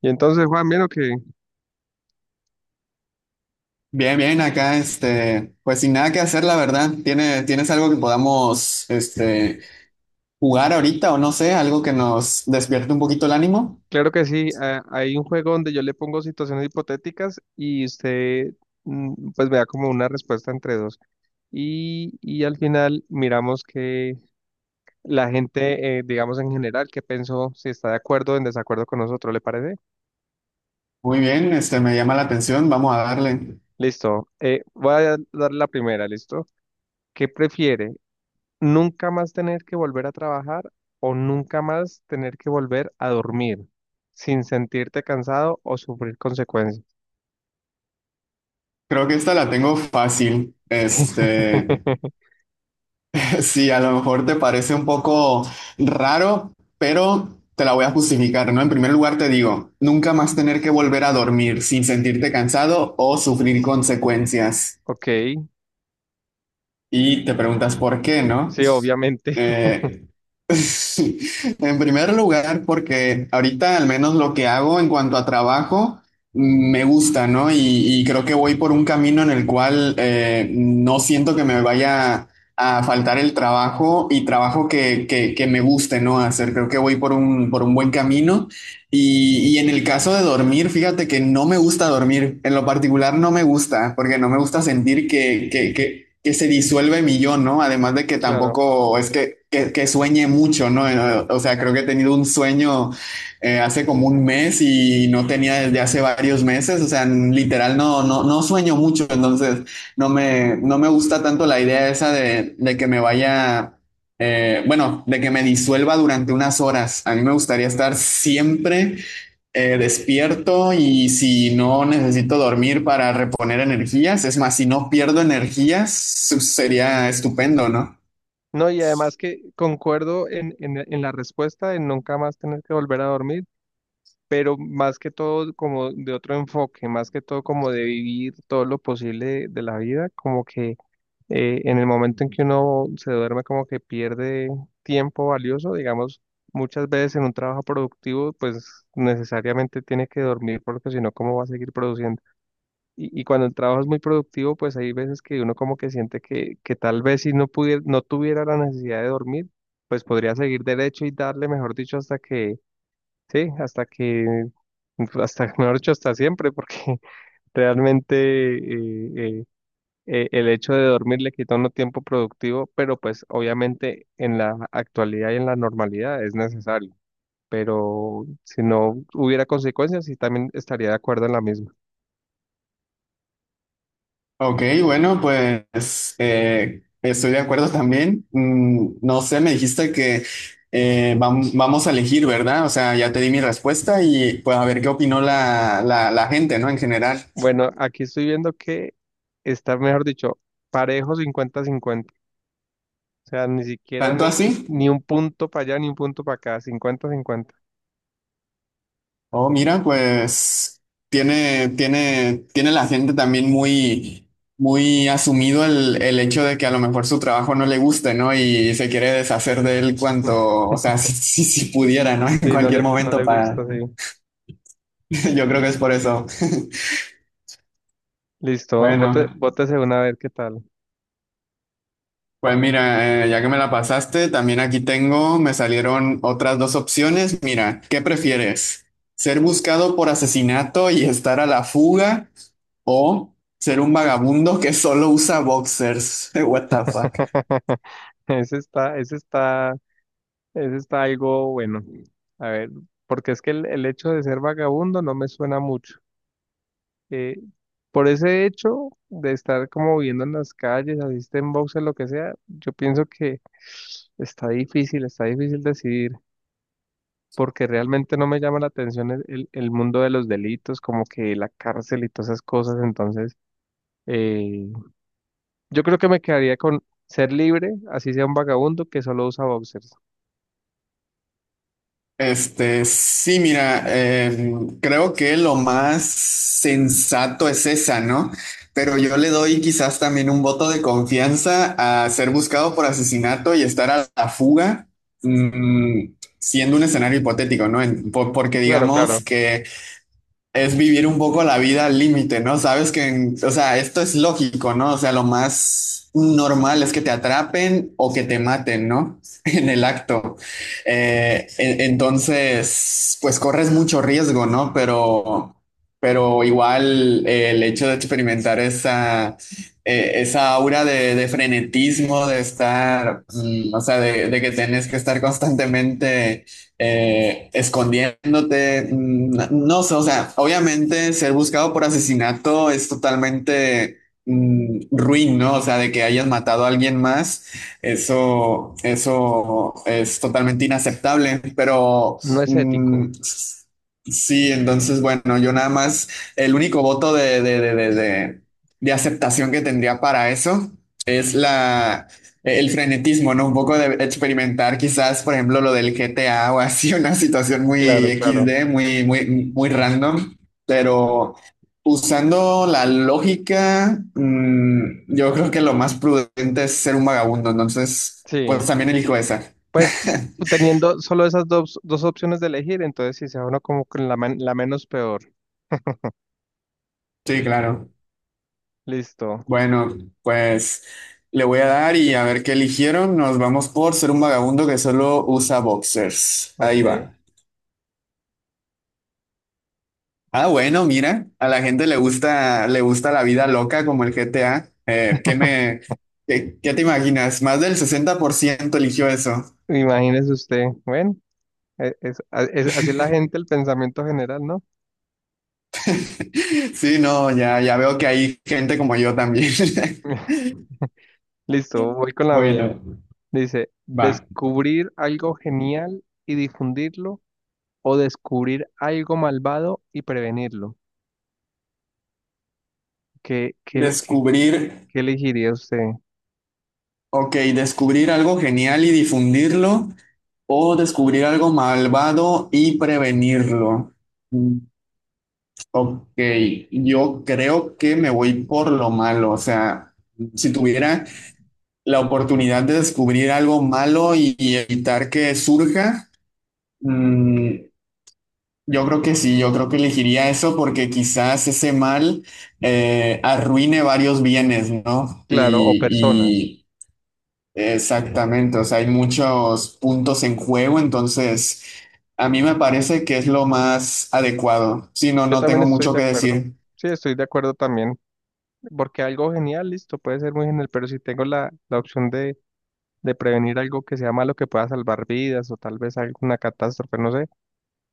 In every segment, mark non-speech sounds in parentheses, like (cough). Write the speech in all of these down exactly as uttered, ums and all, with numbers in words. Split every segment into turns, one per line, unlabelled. Y entonces, Juan, vieron que,
Bien, bien, acá, este, pues sin nada que hacer, la verdad. ¿Tiene, tienes algo que podamos, este, jugar ahorita o no sé, algo que nos despierte un poquito el ánimo?
claro que sí, a- hay un juego donde yo le pongo situaciones hipotéticas y usted mm, pues me da como una respuesta entre dos. Y, y al final miramos que la gente, eh, digamos en general, qué pensó, si está de acuerdo o en desacuerdo con nosotros, ¿le parece?
Muy bien, este, me llama la atención, vamos a darle.
Listo, eh, voy a dar la primera, ¿listo? ¿Qué prefiere? ¿Nunca más tener que volver a trabajar o nunca más tener que volver a dormir sin sentirte cansado o sufrir consecuencias?
Creo que esta la tengo fácil.
Sí.
Este,
(laughs)
(laughs) sí, a lo mejor te parece un poco raro, pero te la voy a justificar, ¿no? En primer lugar te digo, nunca más tener que volver a dormir sin sentirte cansado o sufrir consecuencias.
Ok,
Y te preguntas por qué, ¿no?
sí, obviamente. (laughs)
Eh, (laughs) en primer lugar, porque ahorita al menos lo que hago en cuanto a trabajo mm, me gusta, ¿no? Y, y creo que voy por un camino en el cual eh, no siento que me vaya a faltar el trabajo y trabajo que, que, que me guste, ¿no? Hacer, creo que voy por un, por un buen camino. Y, y en el caso de dormir, fíjate que no me gusta dormir. En lo particular no me gusta, porque no me gusta sentir que, que, que, que se disuelve mi yo, ¿no? Además de que
Claro.
tampoco es que, que, que sueñe mucho, ¿no? Eh, eh, o sea, creo que he tenido un sueño eh, hace como un mes y no tenía desde hace varios meses. O sea, en- literal no, no, no sueño mucho. Entonces, no me, no me gusta tanto la idea esa de, de que me vaya eh, bueno, de que me disuelva durante unas horas. A mí me gustaría estar siempre eh, despierto y si no necesito dormir para reponer energías, es más, si no pierdo energías, su- sería estupendo, ¿no?
No, y además que concuerdo en, en, en la respuesta de nunca más tener que volver a dormir, pero más que todo como de otro enfoque, más que todo como de vivir todo lo posible de, de la vida, como que eh, en el momento en que uno se duerme como que pierde tiempo valioso, digamos, muchas veces en un trabajo productivo pues necesariamente tiene que dormir porque si no, ¿cómo va a seguir produciendo? Y, y cuando el trabajo es muy productivo, pues hay veces que uno como que siente que, que tal vez si no pudiera, no tuviera la necesidad de dormir, pues podría seguir derecho y darle, mejor dicho, hasta que, sí, hasta que, hasta, (laughs) mejor dicho, hasta siempre, porque (laughs) realmente eh, eh, eh, el hecho de dormir le quita a uno tiempo productivo, pero pues obviamente en la actualidad y en la normalidad es necesario. Pero si no hubiera consecuencias, sí también estaría de acuerdo en la misma.
Ok, bueno, pues eh, estoy de acuerdo también. Mm, no sé, me dijiste que eh, vam- vamos a elegir, ¿verdad? O sea, ya te di mi respuesta y pues a ver qué opinó la, la, la gente, ¿no? En general.
Bueno, aquí estoy viendo que está, mejor dicho, parejo cincuenta cincuenta. O sea, ni siquiera
¿Tanto
ni,
así?
ni un punto para allá, ni un punto para acá, cincuenta cincuenta.
Oh, mira, pues tiene, tiene, tiene la gente también muy, muy asumido el, el hecho de que a lo mejor su trabajo no le guste, ¿no? Y se quiere deshacer de él cuanto, o
(laughs)
sea, (laughs) si, si, si pudiera, ¿no? (laughs) En
Sí, no le,
cualquier
(laughs) no
momento
le
para...
gusta, sí.
(laughs) Yo creo que es por eso.
Listo, bote,
Bueno,
bótese una a ver qué tal.
pues mira, eh, ya que me la pasaste, también aquí tengo, me salieron otras dos opciones. Mira, ¿qué prefieres? ¿Ser buscado por asesinato y estar a la fuga? O ser un vagabundo que solo usa boxers. (laughs) What the fuck.
(laughs) Ese está, ese está, ese está algo bueno. A ver, porque es que el, el hecho de ser vagabundo no me suena mucho. Eh, por ese hecho de estar como viviendo en las calles, asiste en boxes, lo que sea, yo pienso que está difícil, está difícil decidir. Porque realmente no me llama la atención el, el- el mundo de los delitos, como que la cárcel y todas esas cosas. Entonces, eh, yo creo que me quedaría con ser libre, así sea un vagabundo que solo usa boxers.
Este, sí, mira, eh, creo que lo más sensato es esa, ¿no? Pero yo le doy quizás también un voto de confianza a ser buscado por asesinato y estar a la fuga, mm, siendo un escenario hipotético, ¿no? En- por- porque
Claro, claro,
digamos que es vivir un poco la vida al límite, ¿no? Sabes que, en- o sea, esto es lógico, ¿no? O sea, lo más normal es que te atrapen o que te maten, ¿no? (laughs) En el acto. Eh, en- entonces, pues corres mucho riesgo, ¿no? Pero, pero igual eh, el hecho de experimentar esa, eh, esa aura de, de frenetismo, de estar, mm, o sea, de, de que tenés que estar constantemente eh, escondiéndote, no, no sé, o sea, obviamente ser buscado por asesinato es totalmente mm, ruin, ¿no? O sea, de que hayas matado a alguien más, eso, eso es totalmente inaceptable, pero
no es ético.
mm, sí, entonces, bueno, yo nada más, el único voto de, de, de, de, de de aceptación que tendría para eso es la, el frenetismo, ¿no? Un poco de experimentar quizás, por ejemplo, lo del G T A o así, (laughs) una situación muy
Claro,
X
claro.
D muy, muy, muy random, pero usando la lógica, mm, yo creo que lo más prudente es ser un vagabundo, entonces,
Sí,
pues también elijo esa.
pues teniendo solo esas dos, dos opciones de elegir, entonces si sea uno como con la, men- la menos peor.
Sí, claro.
Listo,
Bueno, pues le voy a dar y a ver qué eligieron. Nos vamos por ser un vagabundo que solo usa boxers. Ahí
ok.
va. Ah, bueno, mira, a la gente le gusta, le gusta la vida loca como el G T A. Eh, ¿qué me, qué, qué te imaginas? Más del sesenta por ciento eligió eso.
Imagínese usted, bueno, e- es- a- es- así es la gente, el pensamiento general, ¿no?
(laughs) Sí, no, ya, ya veo que hay gente como yo también. (laughs)
(laughs) Listo, voy con la mía.
Bueno,
Dice,
va.
descubrir algo genial y difundirlo o descubrir algo malvado y prevenirlo. ¿Qué, qué, qué-
Descubrir,
qué elegiría usted?
ok, descubrir algo genial y difundirlo o descubrir algo malvado y prevenirlo. Mm, Ok, yo creo que me voy por lo malo, o sea, si tuviera la oportunidad de descubrir algo malo y, y evitar que surja, mm, yo creo que sí, yo creo que elegiría eso porque quizás ese mal eh, arruine varios bienes, ¿no?
Claro, o personas.
Y, y exactamente, o sea, hay muchos puntos en juego, entonces a mí me parece que es lo más adecuado. Si no,
Yo
no
también
tengo
estoy
mucho
de
que
acuerdo.
decir.
Sí, estoy de acuerdo también. Porque algo genial, listo, puede ser muy genial, pero si tengo la, la opción de, de prevenir algo que sea malo, que pueda salvar vidas o tal vez alguna catástrofe, no sé.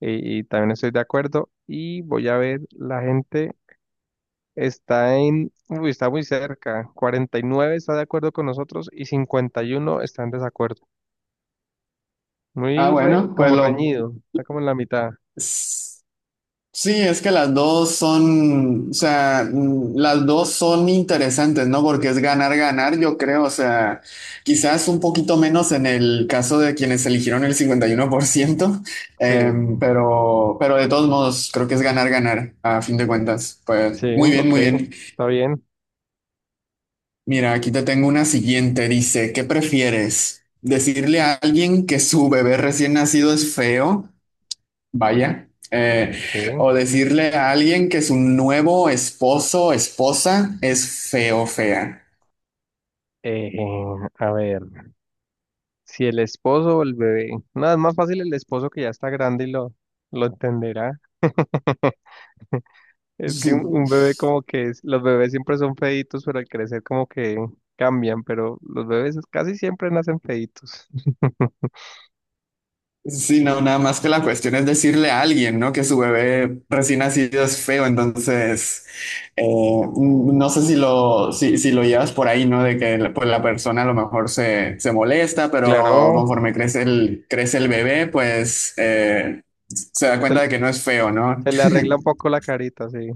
Y, y también estoy de acuerdo. Y voy a ver la gente. Está en, uy, está muy cerca. Cuarenta y nueve está de acuerdo con nosotros y cincuenta y uno está en desacuerdo.
Ah,
Muy re-
bueno, pues
como reñido, está como en la mitad.
lo... Sí, es que las dos son, o sea, mm, las dos son interesantes, ¿no? Porque es ganar, ganar, yo creo, o sea, quizás un poquito menos en el caso de quienes eligieron el cincuenta y uno por ciento, (laughs)
Sí,
em, pero, pero de todos modos, creo que es ganar, ganar, a fin de cuentas. Pues
sí,
muy bien,
ok,
muy bien.
está bien.
Mira, aquí te tengo una siguiente, dice, ¿qué prefieres? ¿Decirle a alguien que su bebé recién nacido es feo? Vaya, eh,
Sí.
o decirle a alguien que su nuevo esposo, esposa es feo, fea.
Eh, a ver, si el esposo o el bebé. Nada, es más fácil el esposo que ya está grande y lo, lo entenderá. Es que un, un
(laughs)
bebé como que es- los bebés siempre son feitos, pero al crecer como que cambian, pero los bebés casi siempre nacen feitos. (laughs)
Sí, no, nada más que la cuestión es decirle a alguien, ¿no? Que su bebé recién nacido es feo, entonces eh, no sé si lo, si, si lo llevas por ahí, ¿no? De que pues, la persona a lo mejor se, se molesta, pero
Claro,
conforme crece el, crece el bebé, pues eh, se da cuenta
se-
de que no es feo, ¿no?
se le arregla un poco la carita, sí.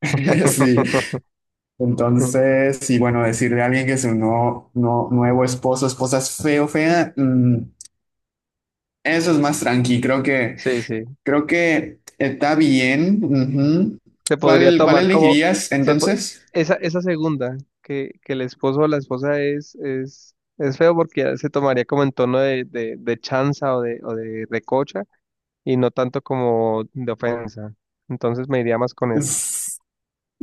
(laughs) Sí.
(laughs)
Entonces, y bueno, decirle a alguien que su no, no- nuevo esposo, esposa es feo, fea, mm, eso es más tranqui. Creo que,
Sí, sí.
creo que está bien. Ujú.
Se podría
¿Cuál, cuál
tomar como
elegirías
se po-
entonces?
esa, esa segunda, que, que el esposo o la esposa es, es, es feo porque ya se tomaría como en tono de, de, de chanza o de, o de recocha y no tanto como de ofensa. Entonces me iría más con eso.
Es-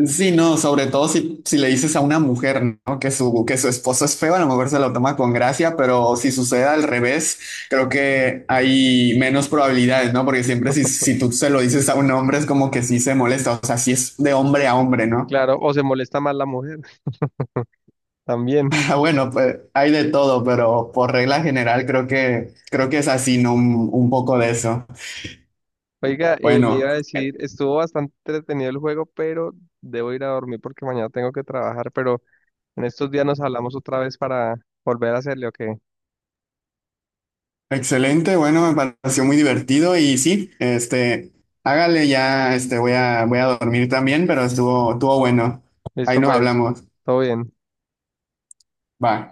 Sí, no, sobre todo si, si le dices a una mujer, ¿no? Que su, que su esposo es feo, a lo mejor se lo toma con gracia, pero si sucede al revés, creo que hay menos probabilidades, ¿no? Porque siempre si, si tú se lo dices a un hombre es como que sí se molesta, o sea, si es de hombre a hombre, ¿no?
Claro, o se molesta más la mujer (laughs) también.
Ah, bueno, pues hay de todo, pero por regla general creo que creo que es así, ¿no? Un, un poco de eso.
Oiga, eh, le
Bueno,
iba a decir, estuvo bastante entretenido el juego, pero debo ir a dormir porque mañana tengo que trabajar, pero en estos días nos hablamos otra vez para volver a hacerle, ¿o qué?
excelente, bueno, me pareció muy divertido y sí, este, hágale ya, este, voy a voy a dormir también, pero estuvo estuvo bueno. Ahí
Listo
nos
pues,
hablamos.
todo bien.
Va.